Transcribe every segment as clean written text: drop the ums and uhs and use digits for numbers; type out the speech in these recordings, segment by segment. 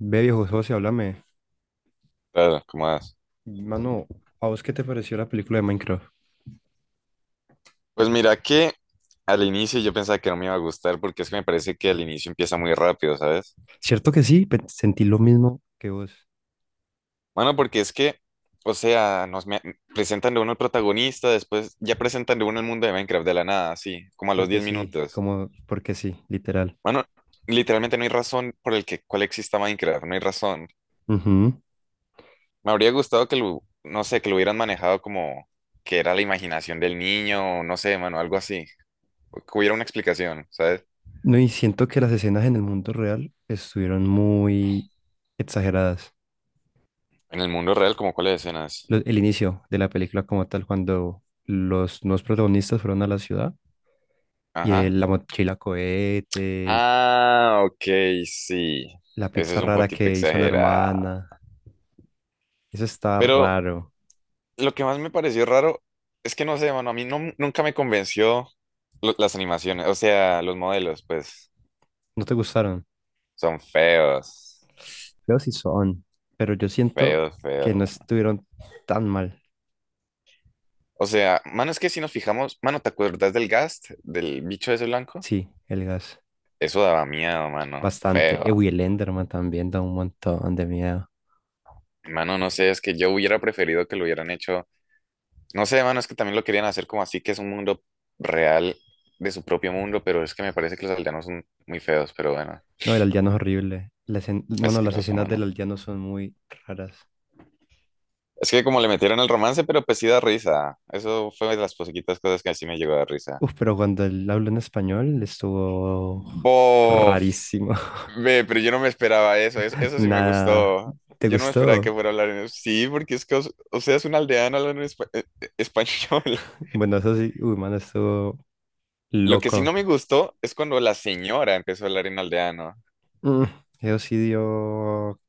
Ve, viejo socio, háblame. Claro, ¿cómo vas? Mano, ¿a vos qué te pareció la película de Minecraft? Pues mira que al inicio yo pensaba que no me iba a gustar porque es que me parece que al inicio empieza muy rápido, ¿sabes? Cierto que sí, sentí lo mismo que vos. Bueno, porque es que, o sea, presentan de uno el protagonista, después ya presentan de uno el mundo de Minecraft de la nada, así, como a los Porque 10 sí, minutos. como, porque sí, literal. Bueno, literalmente no hay razón por el que cuál exista Minecraft, no hay razón. Ujú. Me habría gustado que lo, no sé, que lo hubieran manejado como que era la imaginación del niño, o no sé, mano, algo así. Que hubiera una explicación, ¿sabes? No, y siento que las escenas en el mundo real estuvieron muy exageradas. En el mundo real, como cuáles escenas. El inicio de la película como tal, cuando los nuevos protagonistas fueron a la ciudad y Ajá. La mochila cohete, Ah, ok, sí. la Eso pizza es un rara poquito que hizo la exagerado. hermana, eso está Pero raro. lo que más me pareció raro es que no sé, mano, a mí no- nunca me convenció las animaciones, o sea, los modelos, pues ¿No te gustaron? son feos, Creo si son, pero yo siento feos, que no feos. estuvieron tan mal. O sea, mano, es que si nos fijamos, mano, ¿te acuerdas del Gast, del bicho ese blanco? Sí, el gas, Eso daba miedo, mano, bastante. Uy, feo. el Enderman también da un montón de miedo. Mano, no sé, es que yo hubiera preferido que lo hubieran hecho. No sé, mano, es que también lo querían hacer como así, que es un mundo real de su propio mundo, pero es que me parece que los aldeanos son muy feos, pero bueno, No, el aldeano es horrible. Bueno, las asqueroso, escenas del mano. aldeano son muy raras. Es que como le metieron el romance, pero pues sí da risa. Eso fue de las poquitas cosas que así me llegó a dar risa. Uf, pero cuando él habló en español estuvo Bof, rarísimo. ve, pero yo no me esperaba eso, eso, eso sí me Nada. gustó. ¿Te Yo no me esperaba gustó? que fuera a hablar en... Sí, porque es que, o, sea, es un aldeano hablando en español. Bueno, eso sí, uy, mano, estuvo Lo que sí no loco. me gustó es cuando la señora empezó a hablar en aldeano. Mm, Eso sí dio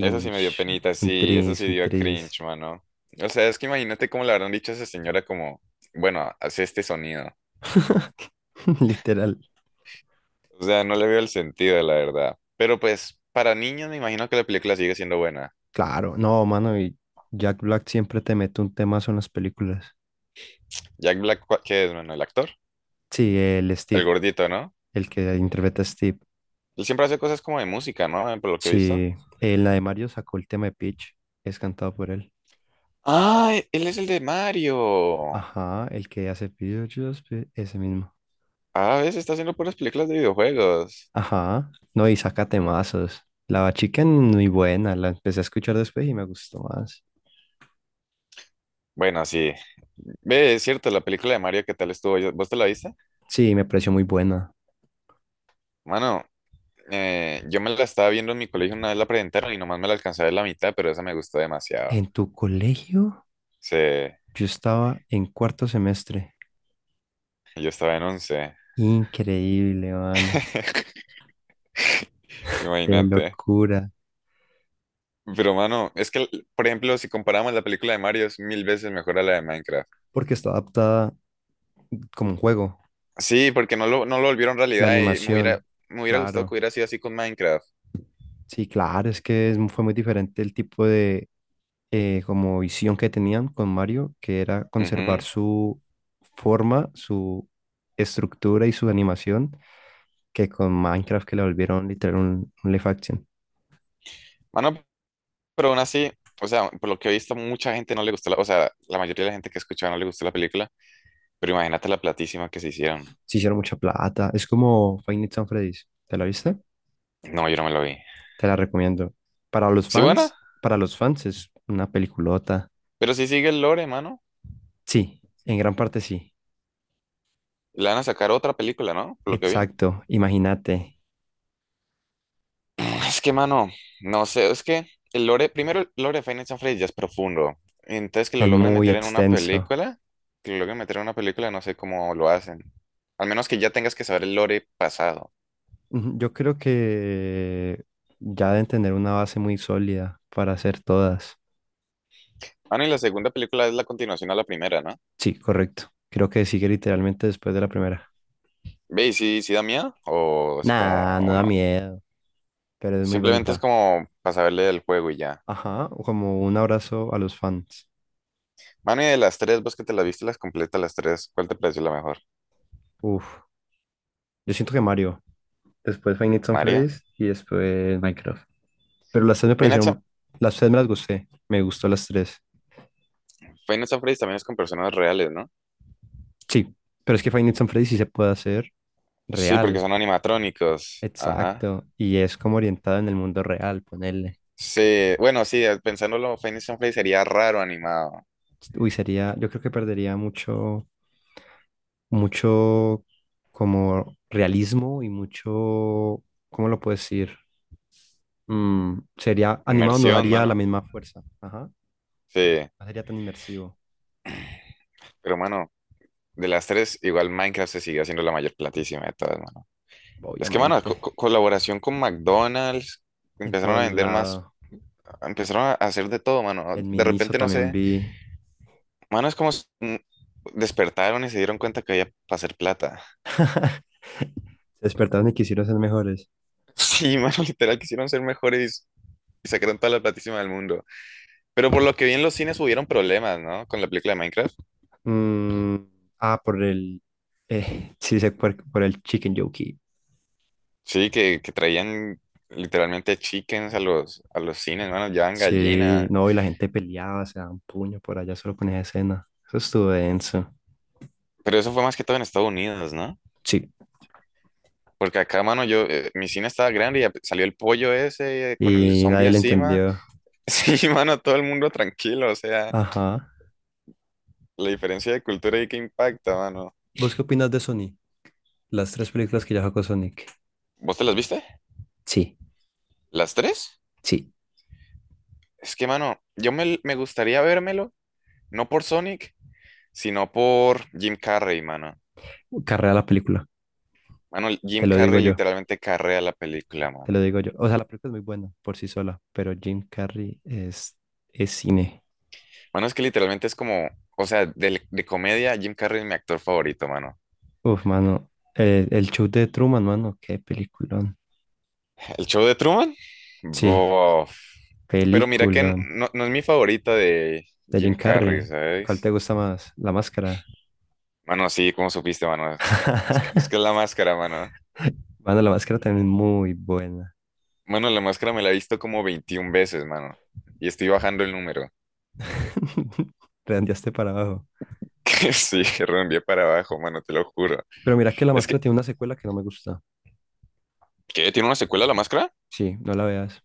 Eso sí me dio penita, Un sí, eso tris, sí un dio tris. cringe, mano. O sea, es que imagínate cómo le habrán dicho a esa señora como, bueno, hace este sonido. Literal. O sea, no le veo el sentido, la verdad. Pero pues, para niños me imagino que la película sigue siendo buena. Claro, no, mano, y Jack Black siempre te mete un temazo en las películas. Jack Black, ¿qué es, mano? El actor, Sí, el el Steve, gordito, ¿no? el que interpreta a Steve. Él siempre hace cosas como de música, ¿no? Por lo que he visto. Sí, en la de Mario sacó el tema de Peach, es cantado por él. Ah, él es el de Mario. Ajá, el que hace Peach, ese mismo. A veces está haciendo puras películas de videojuegos. Ajá, no, y saca temazos. La Bad Chicken, muy buena, la empecé a escuchar después y me gustó más. Bueno, sí. Ve, es cierto, la película de Mario, ¿qué tal estuvo? ¿Vos te la viste? Sí, me pareció muy buena. Mano, yo me la estaba viendo en mi colegio una vez la presentaron y nomás me la alcanzaba en la mitad, pero esa me gustó demasiado. En tu colegio, Sí, yo estaba en cuarto semestre. yo estaba en once. Increíble, mano. Qué Imagínate. locura. Pero mano, es que, por ejemplo, si comparamos la película de Mario es mil veces mejor a la de Minecraft. Porque está adaptada como un juego. Sí, porque no lo volvieron La realidad y me hubiera, animación, me hubiera gustado que claro. hubiera sido así con Minecraft. Sí, claro, es que fue muy diferente el tipo de como visión que tenían con Mario, que era conservar Ujú. su forma, su estructura y su animación, que con Minecraft que la volvieron literal un live action. Mano, pero aún así, o sea, por lo que he visto, mucha gente no le gustó la, o sea, la mayoría de la gente que escuchaba no le gustó la película, pero imagínate la platísima que se hicieron. Se hicieron mucha plata. Es como Five Nights at Freddy's. ¿Te la viste? No, yo no me lo vi. Te la recomiendo. Para los Sí, bueno. fans, para los fans es una peliculota. Pero si sigue el lore, mano, Sí, en gran parte sí. le van a sacar otra película, ¿no? Por lo que vi. Exacto, imagínate, Es que, mano, no sé, es que el lore, primero el lore de Five Nights at Freddy's ya es profundo. Entonces que lo es logren muy meter en una extenso. película, que lo logren meter en una película, no sé cómo lo hacen. Al menos que ya tengas que saber el lore pasado. Ujú. Yo creo que ya deben tener una base muy sólida para hacer todas. Mano, y la segunda película es la continuación a la primera, ¿no? Sí, correcto. Creo que sigue literalmente después de la primera. Ve, ¿y si da miedo? ¿O es como, Nah, no o da no? miedo, pero es muy Simplemente es bonita. como para saberle del juego y ya. Ajá, o como un abrazo a los fans. Mano, y de las tres, vos que te las viste las completas las tres, ¿cuál te pareció la mejor? Uf, yo siento que Mario, después Five Nights at ¿María? Freddy's y después Minecraft. Pero las tres me Five Nights. parecieron, las tres me las gusté, me gustó las tres. Final Freddy también es con personas reales, ¿no? Sí, pero es que Five Nights at Freddy's sí se puede hacer. Sí, porque Real, son animatrónicos. Ajá. exacto. Y es como orientado en el mundo real, ponerle. Sí, bueno, sí, pensándolo, Final Freddy sería raro animado. Uy, sería, yo creo que perdería mucho, mucho como realismo y mucho, ¿cómo lo puedo decir? Sería animado, no Inmersión, daría la mano. misma fuerza. Ajá. Sí, No sería tan inmersivo, pero mano, de las tres, igual Minecraft se sigue haciendo la mayor platísima de todas, mano. Es que, mano, obviamente. Colaboración con McDonald's, En todo empezaron a el vender más, lado. empezaron a hacer de todo, mano. En De Miniso repente, no también sé, vi. mano, es como despertaron y se dieron cuenta que había para hacer plata. Se despertaron y quisieron ser mejores. Sí, mano, literal, quisieron ser mejores y sacaron toda la platísima del mundo. Pero por lo que vi en los cines hubieron problemas, ¿no? Con la película de Minecraft. Mm, ah, sí sé por el Chicken Jockey. Sí, que traían literalmente chickens a a los cines, mano, llevaban Sí, gallinas. no, y la gente peleaba, se daban puños por allá solo con esa escena. Eso estuvo denso. Pero eso fue más que todo en Estados Unidos, ¿no? Sí, Porque acá, mano, yo, mi cine estaba grande y salió el pollo ese con el y zombie nadie le encima. entendió. Sí, mano, todo el mundo tranquilo, o sea, Ajá. la diferencia de cultura ahí que impacta, mano. ¿Vos qué opinas de Sonic? Las tres películas que ya sacó Sonic. ¿Vos te las viste? Sí, ¿Las tres? sí. Es que, mano, me gustaría vérmelo, no por Sonic, sino por Jim Carrey, mano. Carrea la película, Mano, te Jim lo digo Carrey yo, literalmente carrea la película, te lo mano. digo yo. O sea, la película es muy buena por sí sola, pero Jim Carrey es cine. Mano, es que literalmente es como, o sea, de comedia, Jim Carrey es mi actor favorito, mano. Uf, mano, el show de Truman, mano, qué peliculón. ¿El show de Truman? Sí, Bof. Pero mira que película no, no es mi favorita de de Jim Jim Carrey, Carrey. ¿Cuál ¿sabes? te gusta más? La máscara. Mano, sí, ¿cómo supiste, mano? Es que es la máscara, mano. Bueno, la máscara también es muy buena. Mano, la máscara me la he visto como 21 veces, mano. Y estoy bajando el número. Redondeaste para abajo. Que sí, reenvié para abajo, mano, te lo juro. Pero mira que la Es máscara que, tiene una secuela que no me gusta. ¿qué? ¿Tiene una secuela la máscara? Sí, no la veas.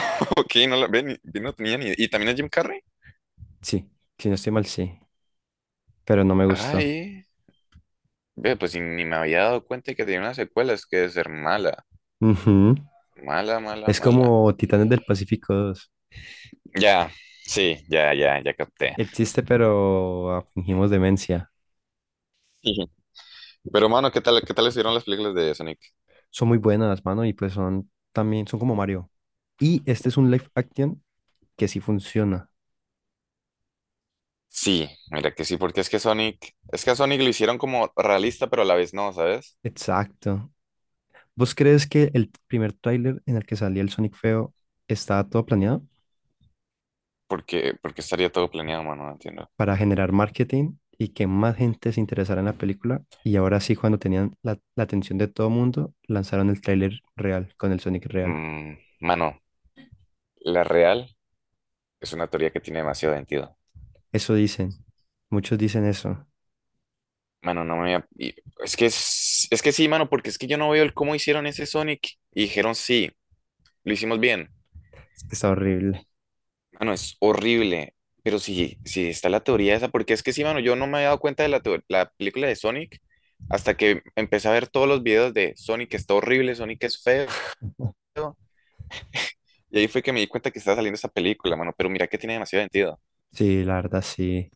Ok, no la ven, no tenía ni... idea. ¿Y también es Jim Carrey? Sí, si no estoy mal, sí. Pero no me gustó. Ay, ve, pues ni me había dado cuenta que tenía una secuela, es que debe ser mala. Ujú. Mala, mala, Es mala. como Titanes del Pacífico 2. Ya, sí, ya, ya, ya capté. Existe, pero ah, fingimos demencia. Ujú. Pero, mano, qué tal estuvieron las películas de Sonic? Son muy buenas, mano, y pues son también, son como Mario. Y este es un live action que sí funciona. Sí, mira que sí, porque es que Sonic, es que a Sonic lo hicieron como realista, pero a la vez no, ¿sabes? Exacto. ¿Vos crees que el primer tráiler en el que salía el Sonic feo estaba todo planeado Porque estaría todo planeado, mano, no entiendo. para generar marketing y que más gente se interesara en la película? Y ahora sí, cuando tenían la atención de todo mundo, lanzaron el tráiler real con el Sonic real. Mm, mano, la real es una teoría que tiene demasiado sentido. Eso dicen. Muchos dicen eso. Mano, no me y- es que, es que sí, mano, porque es que yo no veo el cómo hicieron ese Sonic. Y dijeron sí. Lo hicimos bien. Es que está horrible. Mano, es horrible. Pero sí, sí está la teoría esa, porque es que sí, mano, yo no me había dado cuenta de la, la película de Sonic hasta que empecé a ver todos los videos de Sonic está horrible, Sonic es feo. Y ahí fue que me di cuenta que estaba saliendo esa película, mano. Pero mira que tiene demasiado sentido. Sí, la verdad, sí.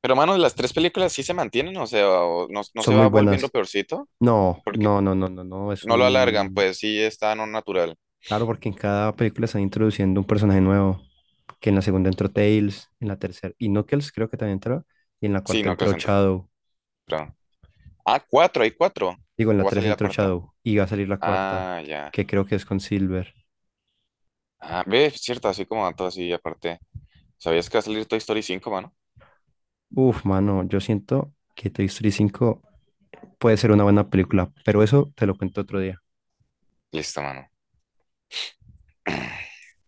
Pero, mano, las tres películas sí se mantienen, o sea, o no, Son se muy va volviendo buenas. peorcito, No, porque no, no, no, no, no. Es no lo alargan, un pues sí está no natural. Claro, porque en cada película están introduciendo un personaje nuevo, que en la segunda entró Tails, en la tercera y Knuckles creo que también entró, y en la Sí, cuarta no, que entró centro. Shadow, Ah, cuatro, hay cuatro. digo, en ¿O la va a tres salir la entró cuarta? Shadow, y va a salir la cuarta, Ah, ya. que creo que es con Silver. Ah, ve, cierto, así como dato así, aparte. ¿Sabías que va a salir Toy Story 5, mano? Uf, mano, yo siento que Toy Story 5 puede ser una buena película, pero eso te lo cuento otro día. Listo, mano.